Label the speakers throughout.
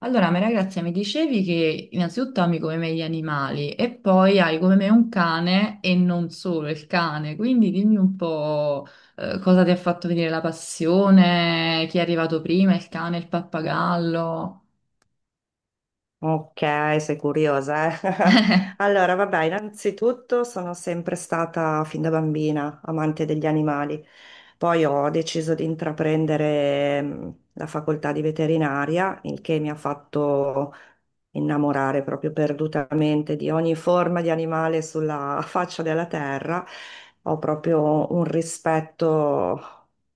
Speaker 1: Allora, Maria Grazia, mi dicevi che innanzitutto ami come me gli animali e poi hai come me un cane e non solo il cane, quindi dimmi un po' cosa ti ha fatto venire la passione, chi è arrivato prima, il cane, il pappagallo.
Speaker 2: Ok, sei curiosa, eh? Allora, vabbè, innanzitutto sono sempre stata fin da bambina amante degli animali. Poi ho deciso di intraprendere la facoltà di veterinaria, il che mi ha fatto innamorare proprio perdutamente di ogni forma di animale sulla faccia della terra, ho proprio un rispetto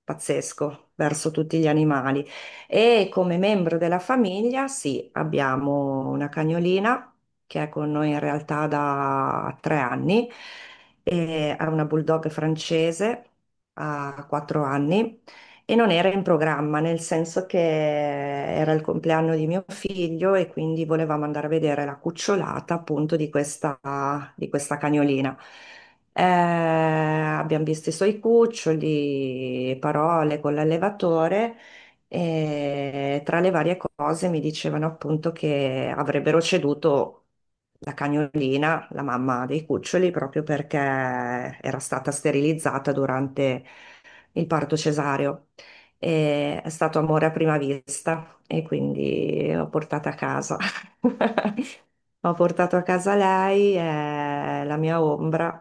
Speaker 2: pazzesco verso tutti gli animali. E come membro della famiglia, sì, abbiamo una cagnolina che è con noi in realtà da 3 anni, e è una bulldog francese, ha 4 anni e non era in programma, nel senso che era il compleanno di mio figlio e quindi volevamo andare a vedere la cucciolata appunto di questa cagnolina. Abbiamo visto i suoi cuccioli, parole con l'allevatore e tra le varie cose mi dicevano appunto che avrebbero ceduto la cagnolina, la mamma dei cuccioli, proprio perché era stata sterilizzata durante il parto cesareo. E è stato amore a prima vista e quindi l'ho portata a casa. Ho portato a casa lei, è la mia ombra,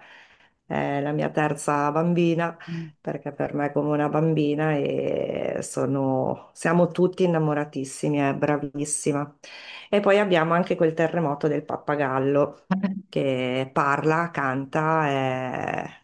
Speaker 2: è la mia terza bambina,
Speaker 1: Mm.
Speaker 2: perché per me è come una bambina e siamo tutti innamoratissimi, è bravissima. E poi abbiamo anche quel terremoto del pappagallo che parla, canta, è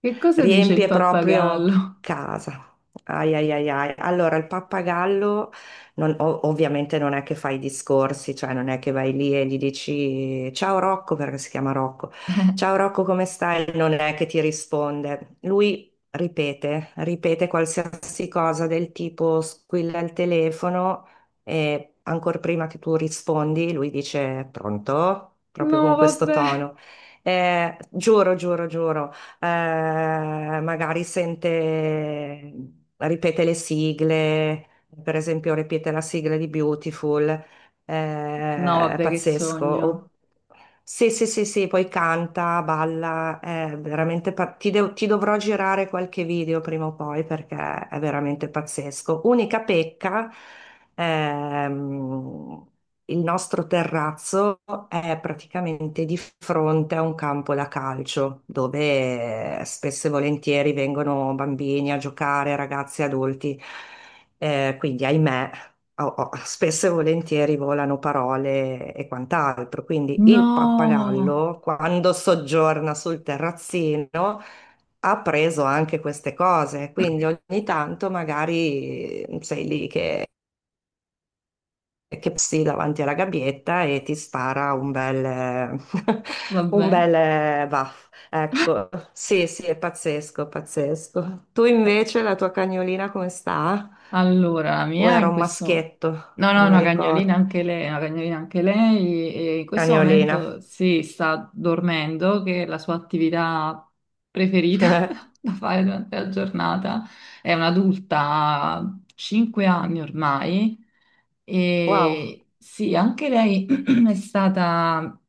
Speaker 1: Che cosa dice il
Speaker 2: riempie proprio
Speaker 1: pappagallo?
Speaker 2: casa. Ai ai ai ai. Allora, il pappagallo ovviamente non è che fai i discorsi, cioè non è che vai lì e gli dici ciao Rocco, perché si chiama Rocco, ciao Rocco, come stai? Non è che ti risponde. Lui ripete qualsiasi cosa del tipo squilla il telefono e ancora prima che tu rispondi, lui dice pronto, proprio
Speaker 1: No,
Speaker 2: con questo
Speaker 1: vabbè.
Speaker 2: tono. Giuro, giuro, giuro magari sente, ripete le sigle, per esempio ripete la sigla di Beautiful,
Speaker 1: No,
Speaker 2: è
Speaker 1: vabbè, che
Speaker 2: pazzesco.
Speaker 1: sogno.
Speaker 2: Sì, sì, sì, sì, poi canta, balla, è veramente ti dovrò girare qualche video prima o poi perché è veramente pazzesco. Unica pecca. Ehm, il nostro terrazzo è praticamente di fronte a un campo da calcio dove spesso e volentieri vengono bambini a giocare, ragazzi, adulti. Quindi, ahimè, spesso e volentieri volano parole e quant'altro. Quindi il
Speaker 1: No,
Speaker 2: pappagallo, quando soggiorna sul terrazzino, ha preso anche queste cose, quindi ogni tanto magari sei lì che passi davanti alla gabbietta e ti spara un bel, un
Speaker 1: vabbè.
Speaker 2: bel baff. Ecco, sì, sì, è pazzesco, pazzesco. Tu invece, la tua cagnolina come sta?
Speaker 1: Allora, la
Speaker 2: O
Speaker 1: mia
Speaker 2: era
Speaker 1: in
Speaker 2: un
Speaker 1: questo.
Speaker 2: maschietto?
Speaker 1: No,
Speaker 2: Non
Speaker 1: no,
Speaker 2: mi
Speaker 1: una cagnolina
Speaker 2: ricordo.
Speaker 1: anche lei, una cagnolina anche lei, e in questo momento
Speaker 2: Cagnolina.
Speaker 1: sì, sta dormendo, che è la sua attività preferita da fare durante la giornata. È un'adulta, ha 5 anni ormai,
Speaker 2: Wow,
Speaker 1: e sì, anche lei è stata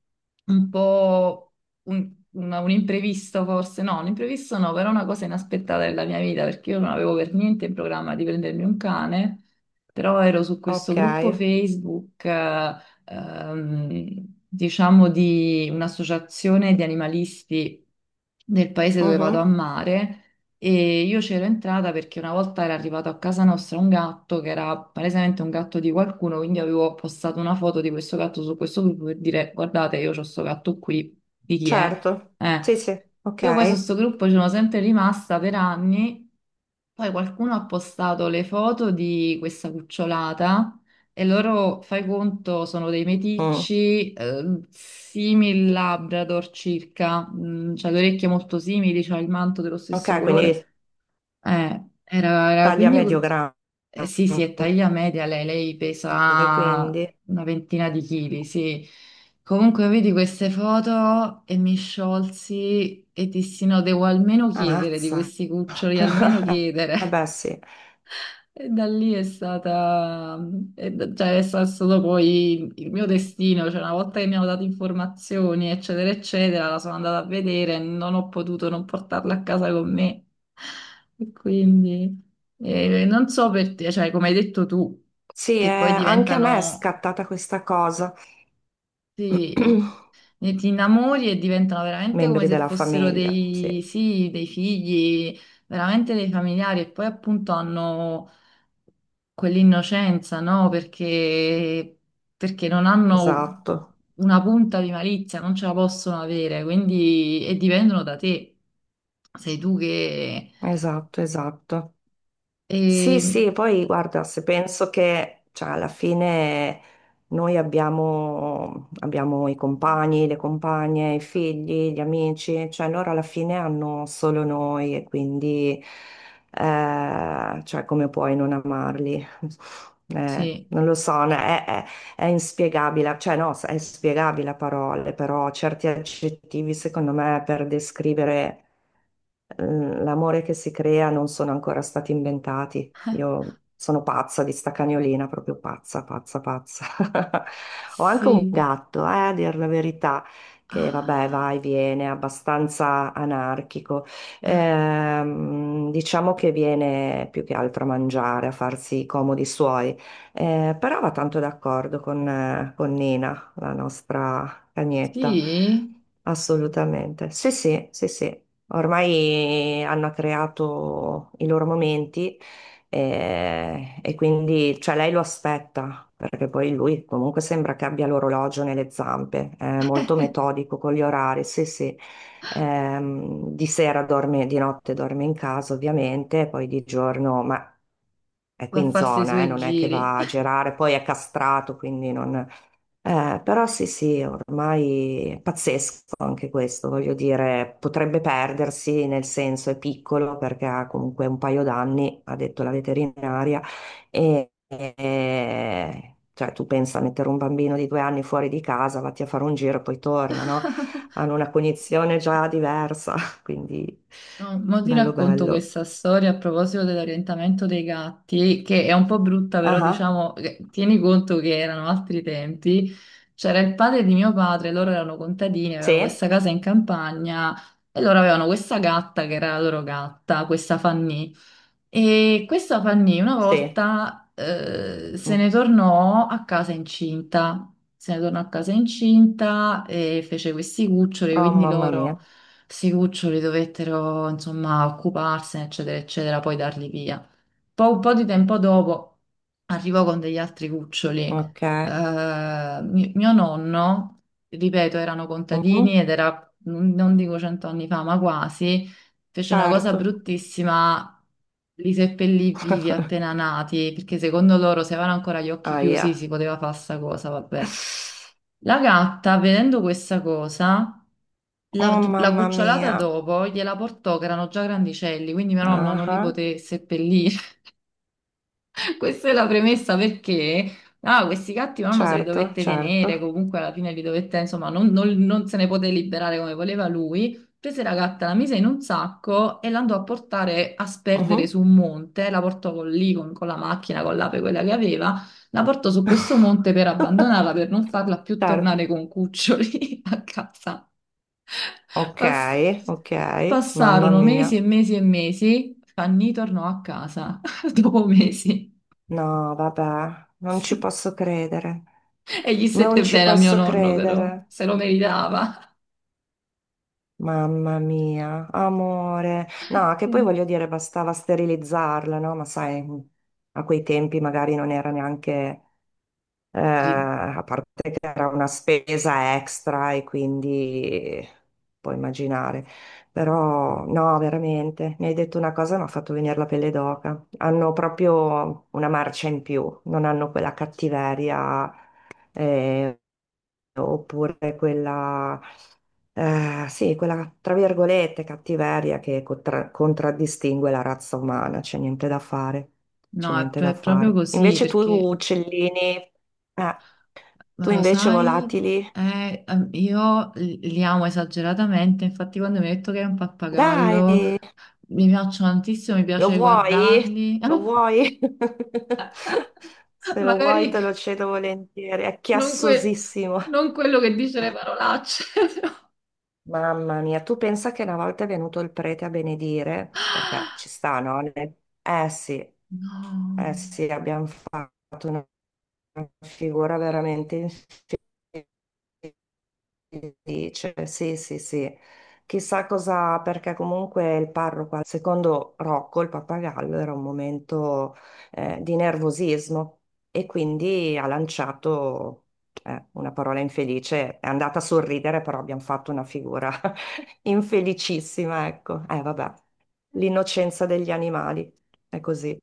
Speaker 1: un po' un imprevisto forse, no, un imprevisto no, però una cosa inaspettata della mia vita, perché io non avevo per niente in programma di prendermi un cane, però ero su questo
Speaker 2: ok.
Speaker 1: gruppo Facebook, diciamo di un'associazione di animalisti del paese dove vado a
Speaker 2: Mhm.
Speaker 1: mare. E io c'ero entrata perché una volta era arrivato a casa nostra un gatto che era palesemente un gatto di qualcuno, quindi avevo postato una foto di questo gatto su questo gruppo per dire guardate, io ho questo gatto qui, di chi è?
Speaker 2: Certo,
Speaker 1: Eh,
Speaker 2: sì, sì,
Speaker 1: Io poi su
Speaker 2: ok.
Speaker 1: questo gruppo ci sono sempre rimasta per anni, poi qualcuno ha postato le foto di questa cucciolata e loro, fai conto, sono dei
Speaker 2: Mm.
Speaker 1: meticci simili Labrador circa, c'ha le orecchie molto simili, c'ha il manto dello
Speaker 2: Ok,
Speaker 1: stesso
Speaker 2: quindi
Speaker 1: colore.
Speaker 2: taglia
Speaker 1: Quindi
Speaker 2: medio grande,
Speaker 1: sì, sì, è taglia media lei, lei pesa
Speaker 2: quindi
Speaker 1: 20, sì. Comunque vedi queste foto e mi sciolsi e dissi no, devo almeno chiedere di
Speaker 2: ammazza.
Speaker 1: questi cuccioli, almeno
Speaker 2: Eh
Speaker 1: chiedere.
Speaker 2: beh, sì.
Speaker 1: E da lì è stata, è stato poi il mio destino, cioè una volta che mi hanno dato informazioni, eccetera, eccetera, la sono andata a vedere e non ho potuto non portarla a casa con me. E quindi non so per te, cioè come hai detto tu,
Speaker 2: Sì,
Speaker 1: che poi
Speaker 2: anche a me è
Speaker 1: diventano,
Speaker 2: scattata questa cosa.
Speaker 1: sì, ti innamori e diventano veramente come
Speaker 2: Membri
Speaker 1: se
Speaker 2: della
Speaker 1: fossero
Speaker 2: famiglia, sì,
Speaker 1: dei, sì, dei figli, veramente dei familiari e poi appunto hanno quell'innocenza, no? Perché non hanno
Speaker 2: esatto,
Speaker 1: una punta di malizia, non ce la possono avere, quindi e dipendono da te. Sei tu che...
Speaker 2: esatto, esatto. Sì,
Speaker 1: e-
Speaker 2: sì, poi guarda, se penso che cioè, alla fine noi abbiamo i compagni, le compagne, i figli, gli amici, cioè loro alla fine hanno solo noi e quindi cioè, come puoi non amarli?
Speaker 1: Sì,
Speaker 2: Non lo so, no, è inspiegabile, cioè no, è spiegabile a parole, però certi aggettivi secondo me per descrivere L'amore che si crea non sono ancora stati inventati. Io sono pazza di sta cagnolina, proprio pazza, pazza, pazza. Ho anche un
Speaker 1: sì.
Speaker 2: gatto, a dir la verità, che vabbè, va
Speaker 1: Ah,
Speaker 2: e viene, è abbastanza anarchico. Diciamo che viene più che altro a mangiare, a farsi i comodi suoi. Però va tanto d'accordo con Nina, la nostra cagnetta.
Speaker 1: sì?
Speaker 2: Assolutamente. Sì, sì, sì, sì. Ormai hanno creato i loro momenti e, quindi cioè lei lo aspetta, perché poi lui comunque sembra che abbia l'orologio nelle zampe, è molto metodico con gli orari, sì sì. Di sera dorme, di notte dorme in casa ovviamente, poi di giorno, ma è
Speaker 1: Va
Speaker 2: qui
Speaker 1: a
Speaker 2: in
Speaker 1: farsi i
Speaker 2: zona,
Speaker 1: suoi
Speaker 2: non è che
Speaker 1: giri.
Speaker 2: va a girare, poi è castrato, quindi non però sì, sì, ormai è pazzesco anche questo, voglio dire, potrebbe perdersi, nel senso è piccolo perché ha comunque un paio d'anni, ha detto la veterinaria, cioè tu pensa a mettere un bambino di 2 anni fuori di casa, vatti a fare un giro e poi torna, no? Hanno una cognizione già diversa, quindi
Speaker 1: No, mo ti
Speaker 2: bello
Speaker 1: racconto
Speaker 2: bello.
Speaker 1: questa storia a proposito dell'orientamento dei gatti, che è un po' brutta, però
Speaker 2: Ah, ah.
Speaker 1: diciamo, tieni conto che erano altri tempi. C'era il padre di mio padre, loro erano contadini, avevano
Speaker 2: Sì,
Speaker 1: questa casa in campagna e loro avevano questa gatta che era la loro gatta, questa Fanny. E questa Fanny una
Speaker 2: sì.
Speaker 1: volta se
Speaker 2: Mm.
Speaker 1: ne tornò a casa incinta, se ne tornò a casa incinta e fece questi cuccioli,
Speaker 2: Oh
Speaker 1: quindi
Speaker 2: mamma mia,
Speaker 1: loro, questi cuccioli dovettero insomma occuparsene, eccetera, eccetera, poi darli via un po' di tempo dopo arrivò con degli altri cuccioli.
Speaker 2: ok.
Speaker 1: Mio nonno, ripeto, erano contadini
Speaker 2: Mhm.
Speaker 1: ed era, non dico 100 fa, ma quasi, fece una cosa
Speaker 2: Certo.
Speaker 1: bruttissima. Li seppellì vivi appena nati, perché secondo loro se avevano ancora gli occhi
Speaker 2: Aia.
Speaker 1: chiusi si poteva fare sta cosa, vabbè. La gatta, vedendo questa cosa, la,
Speaker 2: Oh
Speaker 1: la
Speaker 2: mamma
Speaker 1: cucciolata
Speaker 2: mia.
Speaker 1: dopo gliela portò, che erano già grandicelli, quindi mio nonno
Speaker 2: Ah,
Speaker 1: non li
Speaker 2: ah.
Speaker 1: poté seppellire. Questa è la premessa perché questi gatti nonno se li
Speaker 2: Certo,
Speaker 1: dovette tenere,
Speaker 2: certo.
Speaker 1: comunque alla fine li dovette, insomma, non se ne poté liberare come voleva lui. Prese la gatta, la mise in un sacco e l'andò a portare a sperdere
Speaker 2: Mhm.
Speaker 1: su un monte, la portò con la macchina, con l'ape, quella che aveva, la portò su questo monte per abbandonarla, per non farla più
Speaker 2: Certo.
Speaker 1: tornare con cuccioli a casa.
Speaker 2: Ok,
Speaker 1: Pass-
Speaker 2: ok. Mamma
Speaker 1: passarono mesi e
Speaker 2: mia.
Speaker 1: mesi e mesi, Fanny tornò a casa dopo mesi.
Speaker 2: No, vabbè, non ci
Speaker 1: Sì.
Speaker 2: posso credere.
Speaker 1: E gli
Speaker 2: Non
Speaker 1: stette
Speaker 2: ci
Speaker 1: bene a mio
Speaker 2: posso
Speaker 1: nonno, però,
Speaker 2: credere.
Speaker 1: se lo meritava.
Speaker 2: Mamma mia, amore. No, che poi
Speaker 1: Sì.
Speaker 2: voglio dire, bastava sterilizzarla, no? Ma sai, a quei tempi magari non era neanche
Speaker 1: Ri-
Speaker 2: a parte che era una spesa extra e quindi puoi immaginare. Però no, veramente, mi hai detto una cosa, mi ha fatto venire la pelle d'oca. Hanno proprio una marcia in più, non hanno quella cattiveria eh, oppure quella, sì, quella tra virgolette cattiveria che contraddistingue la razza umana, c'è niente da fare, c'è
Speaker 1: No,
Speaker 2: niente da
Speaker 1: è proprio
Speaker 2: fare.
Speaker 1: così
Speaker 2: Invece tu,
Speaker 1: perché,
Speaker 2: uccellini... eh, tu
Speaker 1: ma lo
Speaker 2: invece
Speaker 1: sai,
Speaker 2: volatili?
Speaker 1: io li amo esageratamente, infatti quando mi hai detto che è un pappagallo,
Speaker 2: Dai,
Speaker 1: mi piacciono tantissimo, mi
Speaker 2: lo
Speaker 1: piace
Speaker 2: vuoi?
Speaker 1: guardarli.
Speaker 2: Lo vuoi? Se lo vuoi te lo
Speaker 1: Magari
Speaker 2: cedo volentieri, è
Speaker 1: non, que-
Speaker 2: chiassosissimo.
Speaker 1: non quello che dice le parolacce, però.
Speaker 2: Mamma mia, tu pensa che una volta è venuto il prete a benedire, perché ci sta, no? Eh sì,
Speaker 1: No.
Speaker 2: eh sì, abbiamo fatto una figura veramente infame. Sì, cioè, sì, sì, sì. Chissà cosa, perché comunque il parroco, secondo Rocco, il pappagallo, era un momento di nervosismo e quindi ha lanciato una parola infelice. È andata a sorridere, però abbiamo fatto una figura infelicissima, ecco. Vabbè, l'innocenza degli animali, è così.